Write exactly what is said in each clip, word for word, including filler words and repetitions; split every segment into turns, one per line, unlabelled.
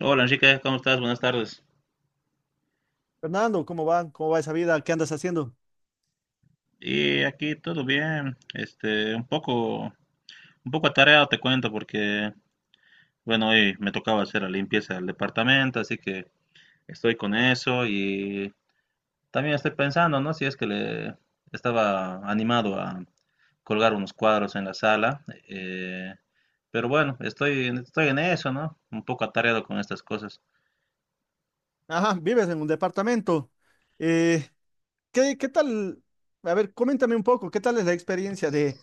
Hola Enrique, ¿cómo estás? Buenas tardes.
Fernando, ¿cómo va? ¿Cómo va esa vida? ¿Qué andas haciendo?
Y aquí todo bien, este, un poco, un poco atareado te cuento porque, bueno, hoy me tocaba hacer la limpieza del departamento, así que estoy con eso y también estoy pensando, ¿no? Si es que le estaba animado a colgar unos cuadros en la sala, eh, pero bueno, estoy, en- estoy en eso, ¿no? Un poco atareado con estas cosas.
Ajá, vives en un departamento. Eh, ¿qué, qué tal? A ver, coméntame un poco, ¿qué tal es la experiencia de,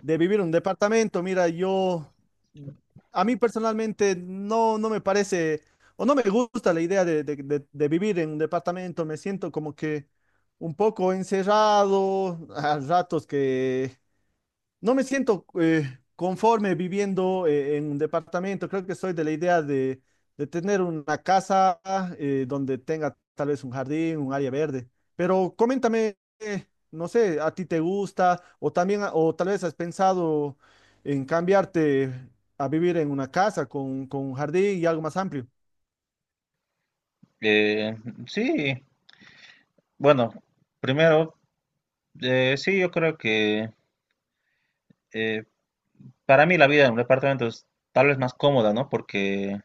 de vivir en un departamento? Mira, yo, a mí personalmente no, no me parece, o no me gusta la idea de, de- de- de vivir en un departamento. Me siento como que un poco encerrado, a ratos que no me siento eh, conforme viviendo eh, en un departamento. Creo que soy de la idea de, de tener una casa, eh, donde tenga tal vez un jardín, un área verde. Pero coméntame, eh, no sé, ¿a ti te gusta? O también, a- o tal vez has pensado en cambiarte a vivir en una casa con, con un jardín y algo más amplio.
Eh, sí, bueno, primero, eh, sí, yo creo que eh, para mí la vida en un departamento es tal vez más cómoda, ¿no? Porque,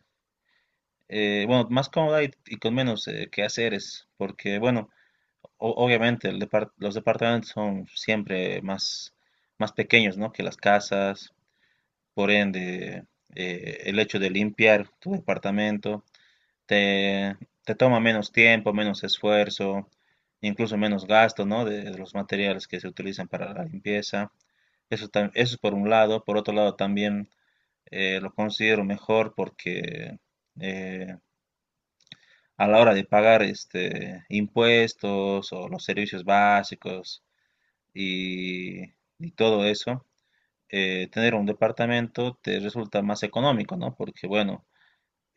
eh, bueno, más cómoda y, y con menos eh, quehaceres, porque, bueno, o- obviamente el depart- los departamentos son siempre más, más pequeños, ¿no? Que las casas, por ende, eh, el hecho de limpiar tu departamento te, te toma menos tiempo, menos esfuerzo, incluso menos gasto, ¿no? De, de los materiales que se utilizan para la limpieza. Eso, tam- eso es por un lado, por otro lado también eh, lo considero mejor porque eh, a la hora de pagar este, impuestos o los servicios básicos y, y todo eso, eh, tener un departamento te resulta más económico, ¿no? Porque, bueno,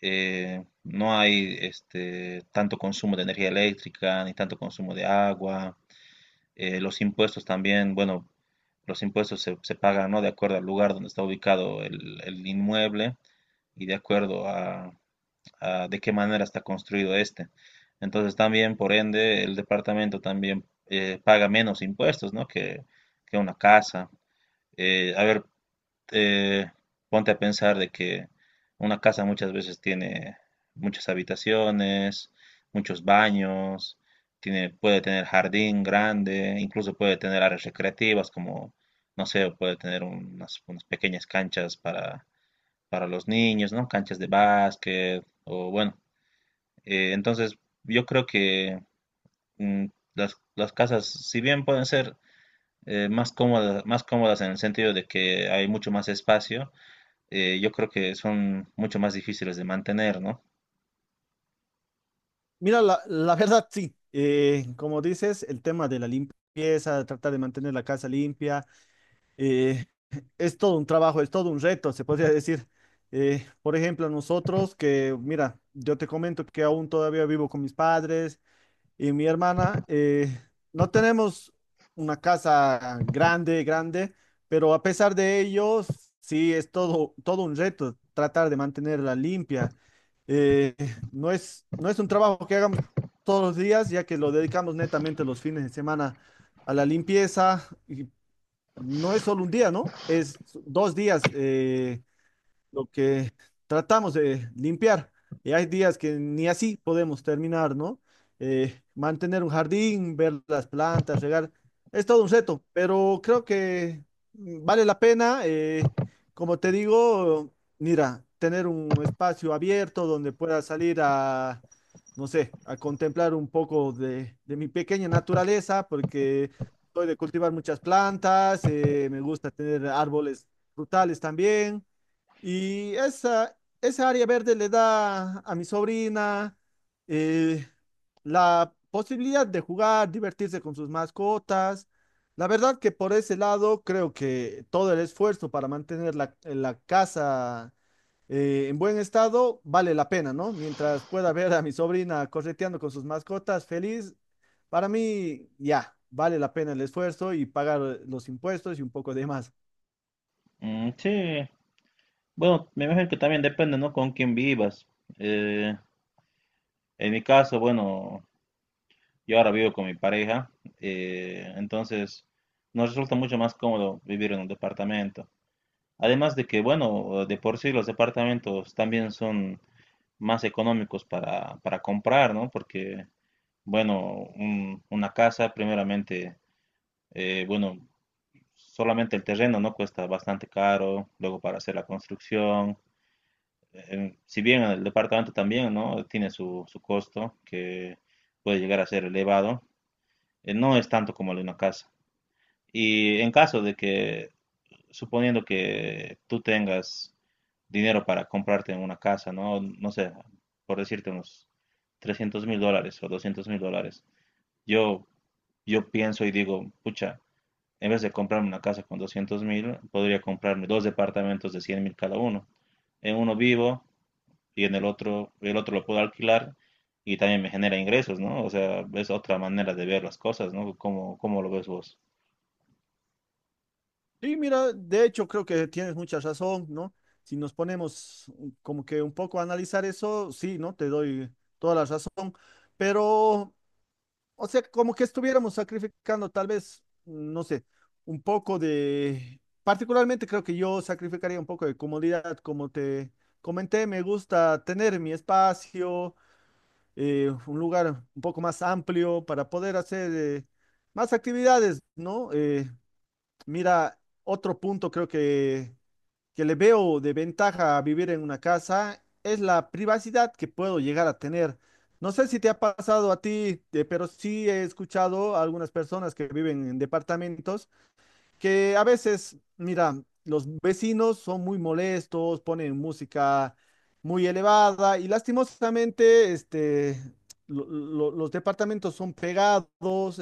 eh, no hay este, tanto consumo de energía eléctrica ni tanto consumo de agua. Eh, los impuestos también, bueno, los impuestos se, se pagan, ¿no? De acuerdo al lugar donde está ubicado el, el inmueble y de acuerdo a, ah, de qué manera está construido este. Entonces también, por ende, el departamento también eh, paga menos impuestos, ¿no? que, que una casa. Eh, a ver, eh, ponte a pensar de que una casa muchas veces tiene muchas habitaciones, muchos baños, tiene, puede tener jardín grande, incluso puede tener áreas recreativas como, no sé, puede tener unas, unas pequeñas canchas para, para, los niños, ¿no? Canchas de básquet o bueno, eh, entonces, yo creo que mm, las, las casas, si bien pueden ser eh, más cómodas, más cómodas en el sentido de que hay mucho más espacio, eh, yo creo que son mucho más difíciles de mantener, ¿no?
Mira, la, la verdad sí. Eh, como dices, el tema de la limpieza, tratar de mantener la casa limpia, eh, es todo un trabajo, es todo un reto, se podría decir. Eh, por ejemplo, nosotros que, mira, yo te comento que aún todavía vivo con mis padres y mi hermana. Eh, no tenemos una casa grande, grande, pero a pesar de ello, sí, es todo, todo un reto tratar de mantenerla limpia. Eh, no es, no es un trabajo que hagamos todos los días, ya que lo dedicamos netamente los fines de semana a la limpieza, y no es solo un día, ¿no? Es dos días. eh, lo que tratamos de limpiar. Y hay días que ni así podemos terminar, ¿no? Eh, mantener un jardín, ver las plantas, regar, es todo un reto, pero creo que, mm, vale la pena. Eh, como te digo, mira, tener un espacio abierto donde pueda salir a, no sé, a contemplar un poco de, de mi pequeña naturaleza, porque soy de cultivar muchas plantas. Eh, me gusta tener árboles frutales también. Y esa, esa área verde le da a mi sobrina eh, la posibilidad de jugar, divertirse con sus mascotas. La verdad que por ese lado creo que todo el esfuerzo para mantener la, la casa eh, en buen estado vale la pena, ¿no? Mientras pueda ver a mi sobrina correteando con sus mascotas feliz, para mí ya vale la pena el esfuerzo y pagar los impuestos y un poco de más.
Mm, sí, bueno, me imagino que también depende, ¿no? Con quién vivas. Eh, en mi caso, bueno, yo ahora vivo con mi pareja, eh, entonces nos resulta mucho más cómodo vivir en un departamento. Además de que, bueno, de por sí los departamentos también son más económicos para, para comprar, ¿no? Porque, bueno, un- una casa, primeramente, eh, bueno, solamente el terreno, ¿no? Cuesta bastante caro, luego para hacer la construcción. eh, si bien el departamento también, ¿no? Tiene su, su costo, que puede llegar a ser elevado, eh, no es tanto como el de una casa. Y en caso de que suponiendo que tú tengas dinero para comprarte una casa, ¿no? No sé, por decirte unos trescientos mil dólares o doscientos mil dólares. Yo, yo pienso y digo, pucha, en vez de comprarme una casa con doscientos mil, podría comprarme dos departamentos de cien mil cada uno. En uno vivo y en el otro, el otro lo puedo alquilar y también me genera ingresos, ¿no? O sea, es otra manera de ver las cosas, ¿no? ¿Cómo, cómo lo ves vos?
Sí, mira, de hecho creo que tienes mucha razón, ¿no? Si nos ponemos como que un poco a analizar eso, sí, ¿no? Te doy toda la razón, pero, o sea, como que estuviéramos sacrificando tal vez, no sé, un poco de, particularmente creo que yo sacrificaría un poco de comodidad. Como te comenté, me gusta tener mi espacio, eh, un lugar un poco más amplio para poder hacer, eh, más actividades, ¿no? Eh, Mira, otro punto creo que, que le veo de ventaja a vivir en una casa es la privacidad que puedo llegar a tener. No sé si te ha pasado a ti, eh, pero sí he escuchado a algunas personas que viven en departamentos que a veces, mira, los vecinos son muy molestos, ponen música muy elevada y lastimosamente, este, lo- lo- los departamentos son pegados.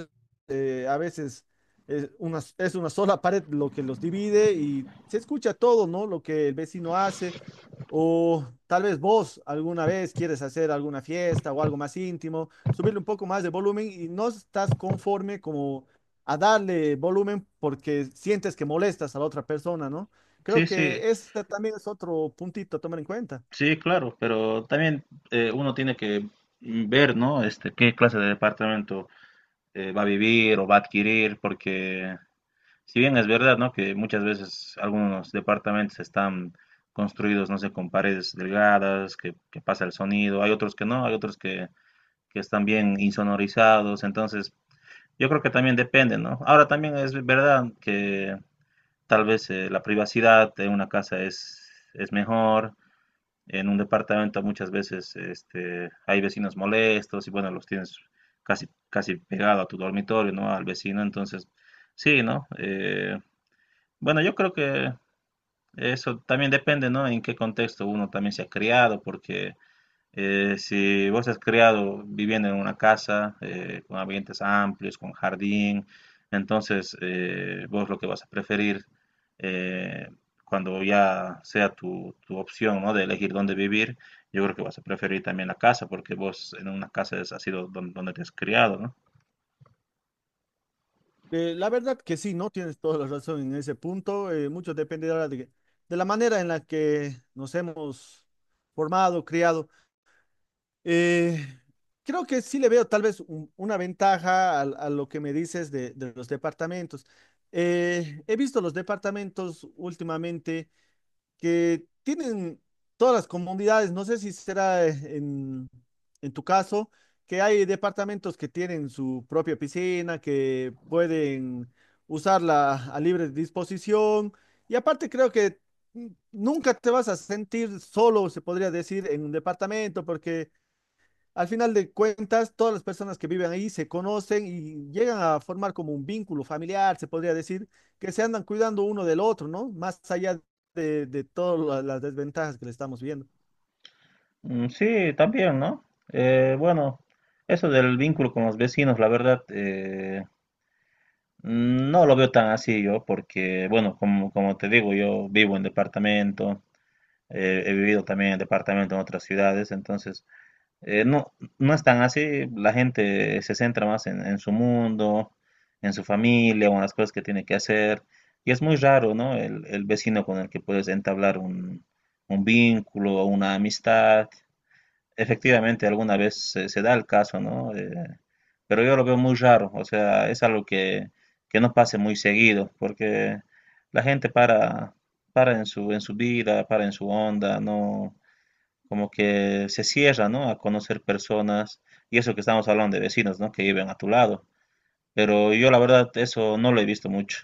Eh, a veces es una, es una sola pared lo que los divide y se escucha todo, ¿no? Lo que el vecino hace. O tal vez vos alguna vez quieres hacer alguna fiesta o algo más íntimo, subirle un poco más de volumen y no estás conforme como a darle volumen porque sientes que molestas a la otra persona, ¿no?
Sí,
Creo
sí,
que este también es otro puntito a tomar en cuenta.
sí, claro, pero también eh, uno tiene que ver, ¿no? Este, qué clase de departamento eh, va a vivir o va a adquirir, porque si bien es verdad, ¿no? Que muchas veces algunos departamentos están construidos, no sé, con paredes delgadas, que, que pasa el sonido, hay otros que no, hay otros que, que están bien insonorizados, entonces yo creo que también depende, ¿no? Ahora también es verdad que tal vez eh, la privacidad de una casa es, es mejor, en un departamento muchas veces este, hay vecinos molestos y bueno, los tienes casi, casi pegado a tu dormitorio, ¿no? Al vecino, entonces sí, ¿no? Eh, bueno, yo creo que eso también depende, ¿no? En qué contexto uno también se ha criado, porque eh, si vos has creado viviendo en una casa eh, con ambientes amplios, con jardín, entonces eh, vos lo que vas a preferir eh, cuando ya sea tu, tu opción, ¿no? De elegir dónde vivir, yo creo que vas a preferir también la casa, porque vos en una casa es, ha sido don- donde, te has criado, ¿no?
Eh, la verdad que sí, ¿no? Tienes toda la razón en ese punto. Eh, mucho depende ahora de, de la manera en la que nos hemos formado, criado. Eh, Creo que sí le veo tal vez un- una ventaja al- a lo que me dices de, de los departamentos. Eh, he visto los departamentos últimamente que tienen todas las comunidades, no sé si será eh, en, en tu caso, que hay departamentos que tienen su propia piscina, que pueden usarla a libre disposición. Y aparte creo que, mm, nunca te vas a sentir solo, se podría decir, en un departamento, porque al final de cuentas, todas las personas que viven ahí se conocen y llegan a formar como un vínculo familiar, se podría decir, que se andan cuidando uno del otro, ¿no? Más allá de, de todas las desventajas que le estamos viendo.
Mm, sí, también, ¿no? Eh, bueno, eso del vínculo con los vecinos, la verdad, Mm, no lo veo tan así yo, porque, bueno, como, como te digo, yo vivo en departamento, eh, he vivido también en departamento en otras ciudades, entonces eh, no, no es tan así, la gente se centra más en, en su mundo, en su familia o en las cosas que tiene que hacer, y es muy raro, ¿no? El, el vecino con el que puedes entablar un, un vínculo o una amistad, efectivamente, alguna vez se, se da el caso, ¿no? Eh, pero yo lo veo muy raro, o sea, es algo que, que no pase muy seguido, porque la gente para, para en su, en su vida, para en su onda, no, como que se cierra, ¿no? A conocer personas, y eso que estamos hablando de vecinos, ¿no? Que viven a tu lado, pero yo la verdad eso no lo he visto mucho.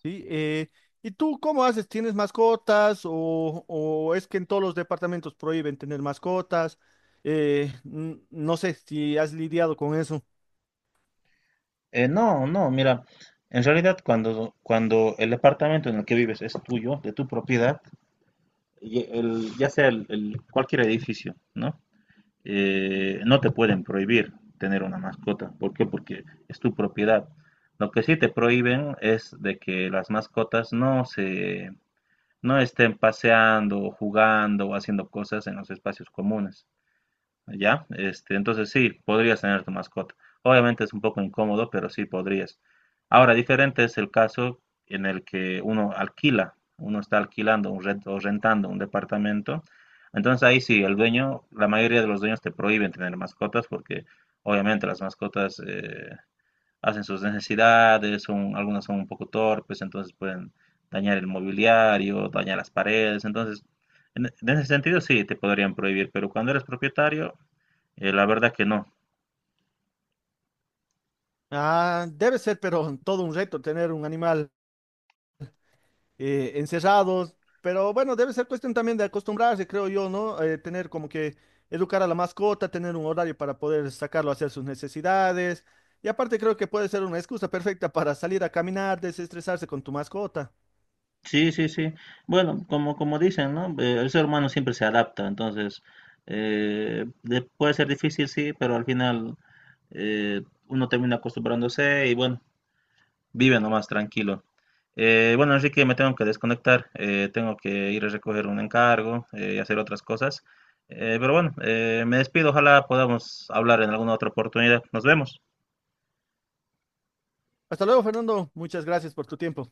Sí, eh, ¿y tú cómo haces? ¿Tienes mascotas o, o es que en todos los departamentos prohíben tener mascotas? Eh, n- no sé si has lidiado con eso.
Eh, no, no, mira, en realidad cuando, cuando el departamento en el que vives es tuyo, de tu propiedad, y el- ya sea el- el- cualquier edificio, ¿no? Eh, no te pueden prohibir tener una mascota. ¿Por qué? Porque es tu propiedad. Lo que sí te prohíben es de que las mascotas no se, no estén paseando, jugando o haciendo cosas en los espacios comunes. ¿Ya? Este, entonces sí, podrías tener tu mascota. Obviamente es un poco incómodo, pero sí podrías. Ahora, diferente es el caso en el que uno alquila, uno está alquilando un rent- o rentando un departamento. Entonces ahí sí, el dueño, la mayoría de los dueños te prohíben tener mascotas porque obviamente las mascotas eh, hacen sus necesidades, son, algunas son un poco torpes, entonces pueden dañar el mobiliario, dañar las paredes. Entonces, en, en ese sentido sí, te podrían prohibir, pero cuando eres propietario, eh, la verdad que no.
Ah, debe ser, pero todo un reto tener un animal eh, encerrados, pero bueno, debe ser cuestión también de acostumbrarse, creo yo, ¿no? Eh, tener como que educar a la mascota, tener un horario para poder sacarlo a hacer sus necesidades. Y aparte creo que puede ser una excusa perfecta para salir a caminar, desestresarse con tu mascota.
Sí, sí, sí. Bueno, como, como dicen, ¿no? Eh, el ser humano siempre se adapta, entonces eh, de- puede ser difícil, sí, pero al final eh, uno termina acostumbrándose y bueno, vive nomás tranquilo. Eh, bueno, Enrique, me tengo que desconectar, eh, tengo que ir a recoger un encargo eh, y hacer otras cosas. Eh, pero bueno, eh, me despido, ojalá podamos hablar en alguna otra oportunidad. Nos vemos.
Hasta luego, Fernando. Muchas gracias por tu tiempo.